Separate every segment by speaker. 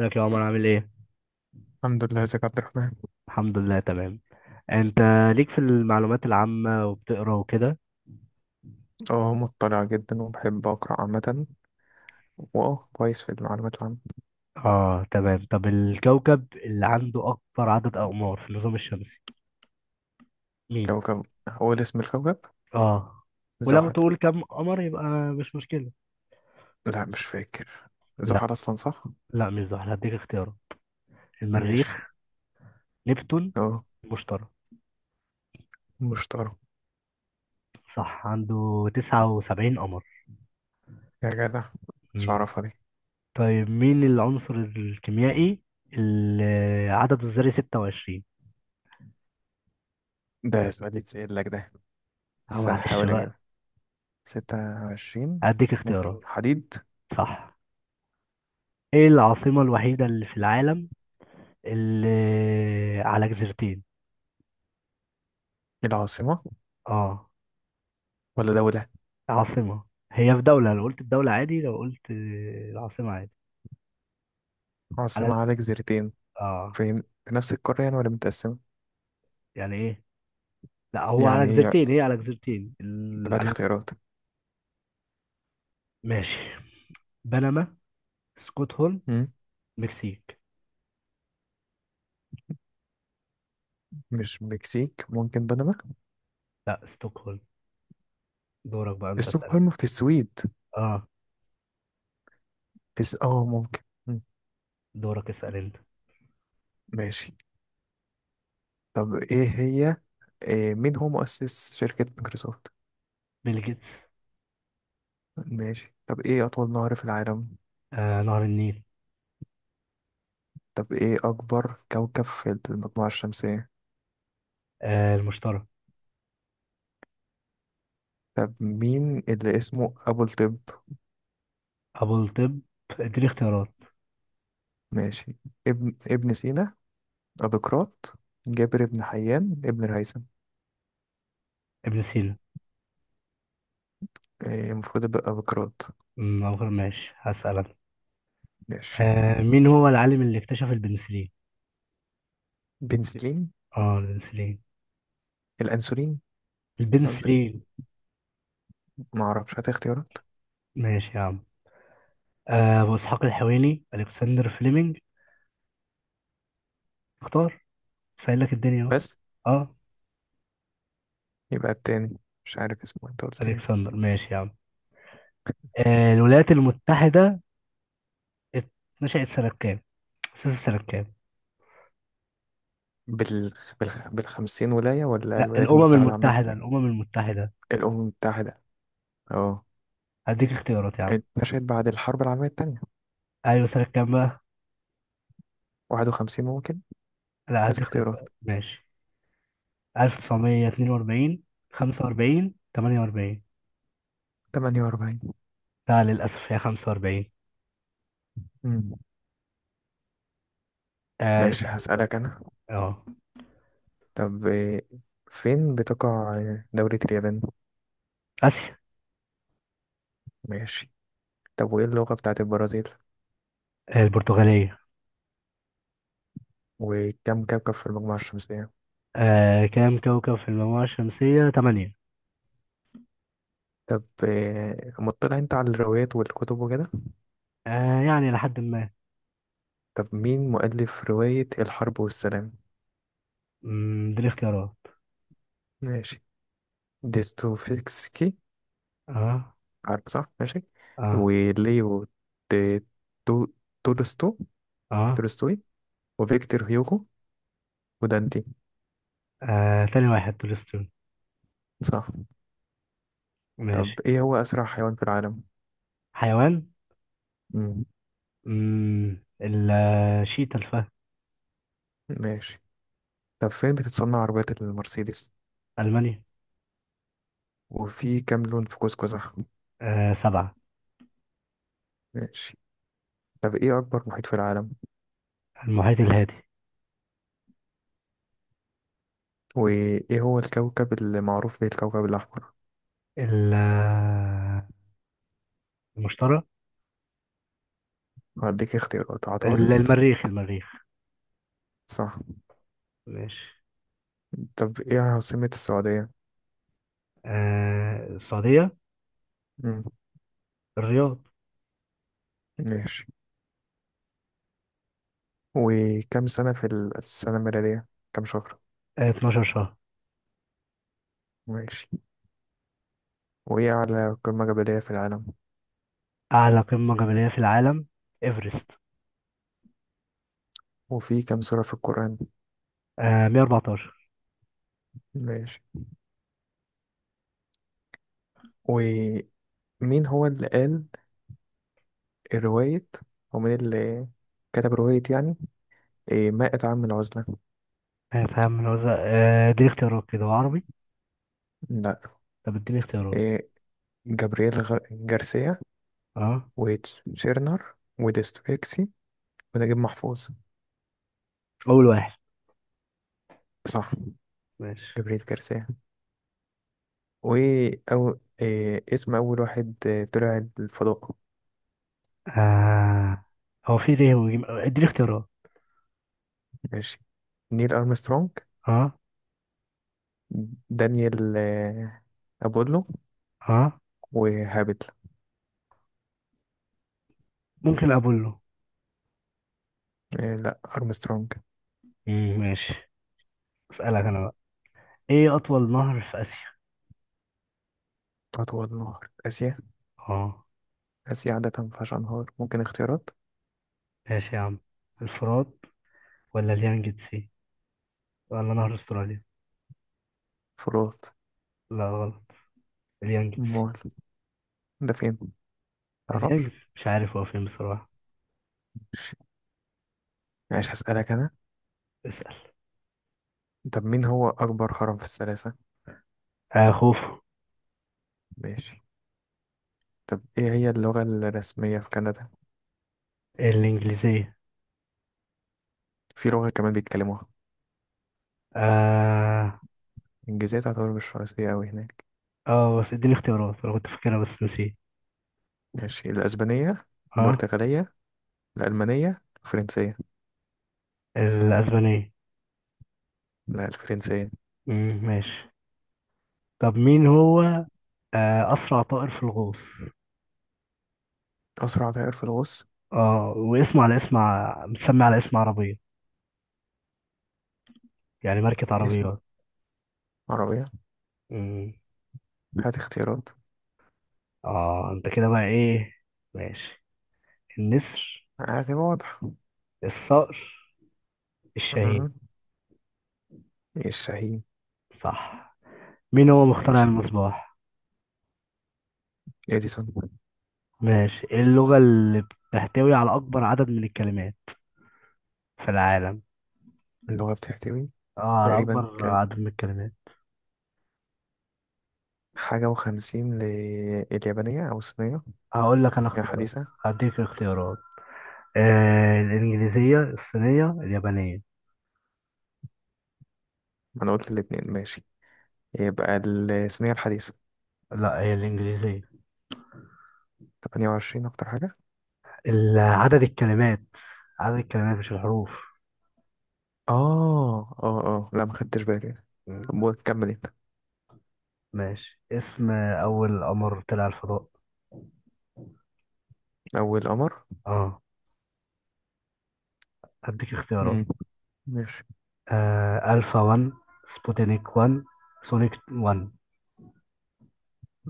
Speaker 1: ازيك يا عمر، عامل ايه؟
Speaker 2: الحمد لله، ازيك يا عبد الرحمن؟
Speaker 1: الحمد لله، تمام. انت ليك في المعلومات العامة وبتقرا وكده؟
Speaker 2: اه، مطلع جدا وبحب اقرا عامة. واه كويس في المعلومات العامة.
Speaker 1: اه، تمام. طب الكوكب اللي عنده اكبر عدد اقمار في النظام الشمسي مين؟
Speaker 2: كوكب، هو اللي اسم الكوكب؟
Speaker 1: اه، ولو
Speaker 2: زحل.
Speaker 1: تقول كم قمر يبقى مش مشكلة.
Speaker 2: لا مش فاكر.
Speaker 1: لا،
Speaker 2: زحل اصلا صح؟
Speaker 1: لا مش زحل، هديك اختيارات:
Speaker 2: ماشي،
Speaker 1: المريخ، نبتون،
Speaker 2: اه
Speaker 1: المشتري.
Speaker 2: مشتري.
Speaker 1: صح، عنده 79 قمر.
Speaker 2: يا جدع، مش
Speaker 1: مم.
Speaker 2: عارفها دي.
Speaker 1: طيب مين العنصر الكيميائي اللي عدده الذري 26؟
Speaker 2: ده سؤال يتسأل لك ده،
Speaker 1: اه،
Speaker 2: بس
Speaker 1: معلش
Speaker 2: هحاول
Speaker 1: بقى.
Speaker 2: اجيبها. 26.
Speaker 1: هديك اختيارات.
Speaker 2: ممكن حديد.
Speaker 1: صح. ايه العاصمة الوحيدة اللي في العالم اللي على جزيرتين؟
Speaker 2: العاصمة
Speaker 1: اه،
Speaker 2: ولا دولة؟
Speaker 1: عاصمة. هي في دولة، لو قلت الدولة عادي لو قلت العاصمة عادي.
Speaker 2: عاصمة
Speaker 1: على،
Speaker 2: على جزيرتين.
Speaker 1: اه.
Speaker 2: فين، في نفس القارة يعني ولا متقسمة؟
Speaker 1: يعني ايه؟ لا، هو
Speaker 2: يعني
Speaker 1: على
Speaker 2: هي
Speaker 1: جزيرتين، هي على جزيرتين
Speaker 2: تبعت
Speaker 1: على.
Speaker 2: اختيارات.
Speaker 1: ماشي. بنما، ستوكهولم،
Speaker 2: مم.
Speaker 1: مكسيك.
Speaker 2: مش مكسيك، ممكن بنما.
Speaker 1: لا، ستوكهولم. دورك بقى انت اسأل.
Speaker 2: ستوكهولم في السويد.
Speaker 1: اه.
Speaker 2: في س... اه ممكن. مم.
Speaker 1: دورك اسأل انت.
Speaker 2: ماشي. طب ايه هي إيه مين هو مؤسس شركة مايكروسوفت؟
Speaker 1: بيل جيتس.
Speaker 2: ماشي. طب ايه أطول نهر في العالم؟
Speaker 1: آه، نهر النيل.
Speaker 2: طب ايه أكبر كوكب في المجموعة الشمسية؟
Speaker 1: آه، المشتري.
Speaker 2: طب مين اللي اسمه أبو الطب؟
Speaker 1: ابو الطب، اديني اختيارات.
Speaker 2: ماشي. ابن سينا، أبوقراط، جابر بن حيان، ابن الهيثم.
Speaker 1: ابن سينا.
Speaker 2: المفروض يبقى أبوقراط.
Speaker 1: أمم، ماشي هسألك.
Speaker 2: ماشي.
Speaker 1: آه، مين هو العالم اللي اكتشف البنسلين؟
Speaker 2: بنسلين؟
Speaker 1: اه، البنسلين.
Speaker 2: الأنسولين؟ قصدك
Speaker 1: البنسلين.
Speaker 2: ايه؟ معرفش، هات اختيارات.
Speaker 1: ماشي يا عم. آه، أبو إسحاق الحويني، ألكسندر فليمنج. اختار. سهل لك الدنيا اهو.
Speaker 2: بس.
Speaker 1: اه،
Speaker 2: يبقى التاني، مش عارف اسمه، انت قلت ايه؟
Speaker 1: ألكسندر. ماشي يا عم. آه، الولايات المتحدة. ات- نشأت سنة كام؟ أسست سنة كام؟
Speaker 2: بال... بالخمسين ولاية ولا
Speaker 1: لا،
Speaker 2: الولايات
Speaker 1: الأمم
Speaker 2: المتحدة عامة؟
Speaker 1: المتحدة، الأمم المتحدة.
Speaker 2: الأمم المتحدة، اه.
Speaker 1: هديك اختيارات يا عم.
Speaker 2: اتنشأت بعد الحرب العالمية التانية.
Speaker 1: أيوة، سنة كام بقى؟
Speaker 2: 51 ممكن.
Speaker 1: لا،
Speaker 2: عايز
Speaker 1: هديك
Speaker 2: اختيارات.
Speaker 1: اختيارات. ماشي. 1942، 45، 48.
Speaker 2: 48.
Speaker 1: لا، للأسف هي 45.
Speaker 2: مم.
Speaker 1: آه،
Speaker 2: ماشي،
Speaker 1: اسأل انت.
Speaker 2: هسألك أنا.
Speaker 1: اه،
Speaker 2: طب فين بتقع دولة اليابان؟
Speaker 1: آسيا.
Speaker 2: ماشي. طب وإيه اللغة بتاعت البرازيل؟
Speaker 1: آه، البرتغالية.
Speaker 2: وكم كوكب في المجموعة الشمسية؟
Speaker 1: آه، كام كوكب في المجموعة الشمسية؟ تمانية.
Speaker 2: طب مطلع انت على الروايات والكتب وكده؟
Speaker 1: آه، يعني لحد ما.
Speaker 2: طب مين مؤلف رواية الحرب والسلام؟
Speaker 1: مم، دي الاختيارات.
Speaker 2: ماشي. ديستوفيسكي،
Speaker 1: اه.
Speaker 2: عارف صح؟ ماشي.
Speaker 1: اه
Speaker 2: وليو، دي- تو- تولستو
Speaker 1: اه,
Speaker 2: تولستوي. وفيكتور هيوغو، ودانتي.
Speaker 1: آه. تاني واحد تولستون.
Speaker 2: صح. طب
Speaker 1: ماشي.
Speaker 2: ايه هو اسرع حيوان في العالم؟
Speaker 1: حيوان.
Speaker 2: مم.
Speaker 1: مم. شيتا، الفهد.
Speaker 2: ماشي. طب فين بتتصنع عربيات المرسيدس؟
Speaker 1: ألمانيا.
Speaker 2: وفي كام لون في قوس قزح؟
Speaker 1: آه، سبعة.
Speaker 2: ماشي. طب ايه اكبر محيط في العالم؟
Speaker 1: المحيط الهادي.
Speaker 2: وايه هو الكوكب اللي معروف بيه الكوكب الاحمر؟
Speaker 1: ال- آه، المشتري.
Speaker 2: هديك اختيارات، عطارد.
Speaker 1: المريخ، المريخ.
Speaker 2: صح.
Speaker 1: ماشي.
Speaker 2: طب ايه عاصمة السعودية؟
Speaker 1: آه، السعودية.
Speaker 2: مم.
Speaker 1: الرياض.
Speaker 2: ماشي. وكم سنة في السنة الميلادية، كم شهر؟
Speaker 1: آه، 12 شهر.
Speaker 2: ماشي. وإيه أعلى قمة جبلية في العالم؟
Speaker 1: أعلى قمة جبلية في العالم: إيفرست.
Speaker 2: وفي كم سورة في القرآن؟
Speaker 1: آه، 114.
Speaker 2: ماشي. ومين هو اللي قال رواية، أو مين اللي كتب رواية يعني، إيه، مائة عام من العزلة؟
Speaker 1: آه، فاهم من وزن. آه، اديني اختيارات كده وعربي.
Speaker 2: لا.
Speaker 1: طب اديني اختيارات.
Speaker 2: إيه، جابرييل جارسيا،
Speaker 1: اه،
Speaker 2: وتشيرنر، وديستويكسي، ونجيب محفوظ.
Speaker 1: اول واحد.
Speaker 2: صح.
Speaker 1: ماشي.
Speaker 2: جابرييل جارسيا. وأو إيه اسم أول واحد طلع الفضاء؟
Speaker 1: آه، هو في ليه وجيم، اديني اختيارات.
Speaker 2: ماشي. نيل أرمسترونج،
Speaker 1: اه.
Speaker 2: دانيال أبولو،
Speaker 1: اه،
Speaker 2: وهابت.
Speaker 1: ممكن اقول له.
Speaker 2: لا أرمسترونج.
Speaker 1: مم، ماشي. اسالك انا بقى. ايه اطول نهر في اسيا؟
Speaker 2: أطول نهر في آسيا.
Speaker 1: اه.
Speaker 2: آسيا عادة مفيهاش أنهار، ممكن اختيارات.
Speaker 1: ماشي يا عم. الفرات، ولا اليانجتسي، ولا نهر استراليا.
Speaker 2: فروت.
Speaker 1: لا، غلط. اليانجتسي.
Speaker 2: مول، ده فين؟ متعرفش.
Speaker 1: اليانجتسي مش عارف هو فين بصراحة.
Speaker 2: ماشي، هسألك أنا.
Speaker 1: اسال.
Speaker 2: طب مين هو أكبر هرم في الثلاثة؟
Speaker 1: آه، خوف.
Speaker 2: ماشي. طب إيه هي اللغة الرسمية في كندا؟
Speaker 1: الانجليزية.
Speaker 2: في لغة كمان بيتكلموها.
Speaker 1: آه.
Speaker 2: الإنجليزية تعتبر مش رئيسية أوي هناك.
Speaker 1: اه، بس اديني اختيارات، انا كنت فاكرها بس نسيت.
Speaker 2: ماشي، الأسبانية،
Speaker 1: اه،
Speaker 2: البرتغالية، الألمانية، الفرنسية.
Speaker 1: الاسبانية.
Speaker 2: لا الفرنسية.
Speaker 1: امم، ماشي. طب مين هو آه، اسرع طائر في الغوص؟
Speaker 2: أسرع طائر في الغوص.
Speaker 1: اه، واسمه على اسم متسمى على اسم عربية، يعني ماركة
Speaker 2: اسم
Speaker 1: عربيات.
Speaker 2: عربية.
Speaker 1: امم.
Speaker 2: هات اختيارات.
Speaker 1: اه، انت كده بقى ايه. ماشي. النسر،
Speaker 2: عادي واضح.
Speaker 1: الصقر، الشاهين.
Speaker 2: آه. الشاهين.
Speaker 1: صح. مين هو مخترع
Speaker 2: ماشي.
Speaker 1: المصباح؟
Speaker 2: اديسون.
Speaker 1: ماشي. إيه اللغة اللي بتحتوي على اكبر عدد من الكلمات في العالم؟
Speaker 2: اللي هو بتحتوي.
Speaker 1: اه، على
Speaker 2: تقريبا
Speaker 1: اكبر
Speaker 2: كان
Speaker 1: عدد من الكلمات.
Speaker 2: حاجة وخمسين، لليابانية أو الصينية.
Speaker 1: هقول لك انا
Speaker 2: الصينية
Speaker 1: اختيارات.
Speaker 2: الحديثة.
Speaker 1: هديك اختيارات. آه، الانجليزيه، الصينيه، اليابانيه.
Speaker 2: ما أنا قلت الاتنين، ماشي. يبقى الصينية الحديثة.
Speaker 1: لا، هي الانجليزيه.
Speaker 2: 28 أكتر حاجة.
Speaker 1: عدد الكلمات، عدد الكلمات مش الحروف.
Speaker 2: لا، ما خدتش بالي.
Speaker 1: مم.
Speaker 2: طب كمل أنت.
Speaker 1: ماشي. اسم اول قمر طلع الفضاء.
Speaker 2: أول قمر.
Speaker 1: اه. هديك اختيارات.
Speaker 2: مم. ماشي.
Speaker 1: آه، الفا 1، سبوتينيك 1، سونيك 1.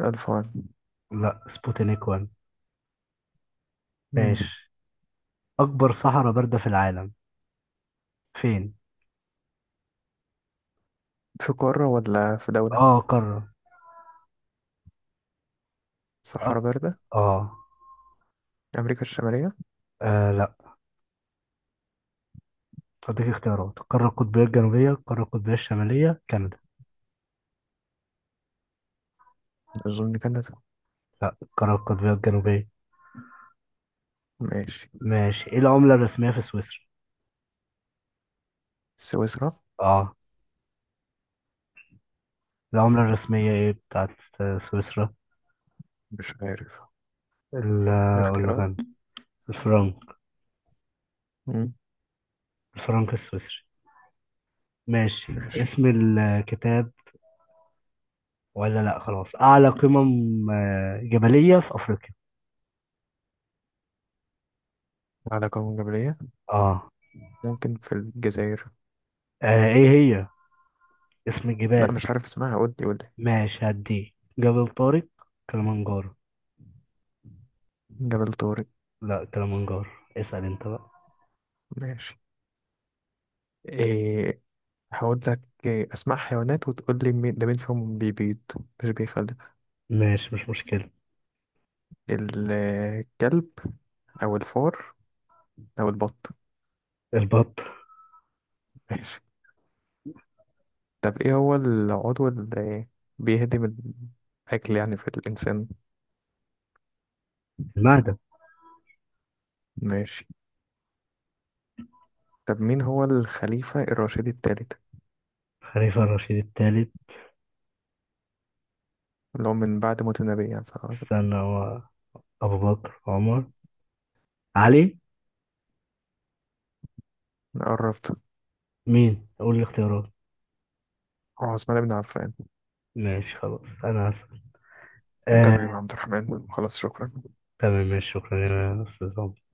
Speaker 2: ألف وان.
Speaker 1: لا، سبوتينيك 1.
Speaker 2: مم.
Speaker 1: ماشي. اكبر صحراء بارده في العالم فين؟
Speaker 2: في قارة ولا في دولة؟
Speaker 1: اه، قاره. اه,
Speaker 2: صحراء باردة.
Speaker 1: آه.
Speaker 2: أمريكا الشمالية.
Speaker 1: آه، لا. هديك اختيارات: القارة القطبية الجنوبية، القارة القطبية الشمالية، كندا.
Speaker 2: أظن كندا.
Speaker 1: لا، القارة القطبية الجنوبية.
Speaker 2: ماشي.
Speaker 1: ماشي. ايه العملة الرسمية في سويسرا؟
Speaker 2: سويسرا.
Speaker 1: اه. العملة الرسمية ايه بتاعت آه، سويسرا.
Speaker 2: مش عارف.
Speaker 1: ال ولا
Speaker 2: الاختيارات.
Speaker 1: كان الفرنك.
Speaker 2: مم.
Speaker 1: الفرنك السويسري. ماشي.
Speaker 2: ماشي.
Speaker 1: اسم الكتاب، ولا لا، خلاص. أعلى قمم آه، جبلية في أفريقيا.
Speaker 2: على قوم جبلية.
Speaker 1: اه.
Speaker 2: ممكن في الجزائر.
Speaker 1: آه، ايه هي اسم
Speaker 2: لا
Speaker 1: الجبال؟
Speaker 2: مش عارف اسمها، قول لي قول لي.
Speaker 1: ماشي هديه. جبل طارق، كلمنجارو.
Speaker 2: جبل طارق.
Speaker 1: لا، كلمنجارو. اسأل انت بقى.
Speaker 2: ماشي. إيه، هقول لك. اسماء حيوانات، وتقول لي مين ده مين فيهم بيبيض، مش بيخلف.
Speaker 1: ماشي مش مشكلة.
Speaker 2: الكلب، او الفار، او البط.
Speaker 1: البط.
Speaker 2: ماشي. طب ايه هو العضو اللي بيهدم الاكل يعني في الانسان؟
Speaker 1: المهدي.
Speaker 2: ماشي. طب مين هو الخليفة الراشدي الثالث،
Speaker 1: خليفة الرشيد الثالث.
Speaker 2: اللي هو من بعد موت النبي يعني صلى الله عليه وسلم؟
Speaker 1: استنى. هو أبو بكر، عمر، علي.
Speaker 2: قربت.
Speaker 1: مين؟ قول الاختيارات.
Speaker 2: اه، عثمان بن عفان.
Speaker 1: ماشي خلاص، أنا هسأل.
Speaker 2: تمام
Speaker 1: آه.
Speaker 2: يا عبد الرحمن، خلاص، شكرا.
Speaker 1: تمام، ماشي، شكرا يا أستاذ عمر.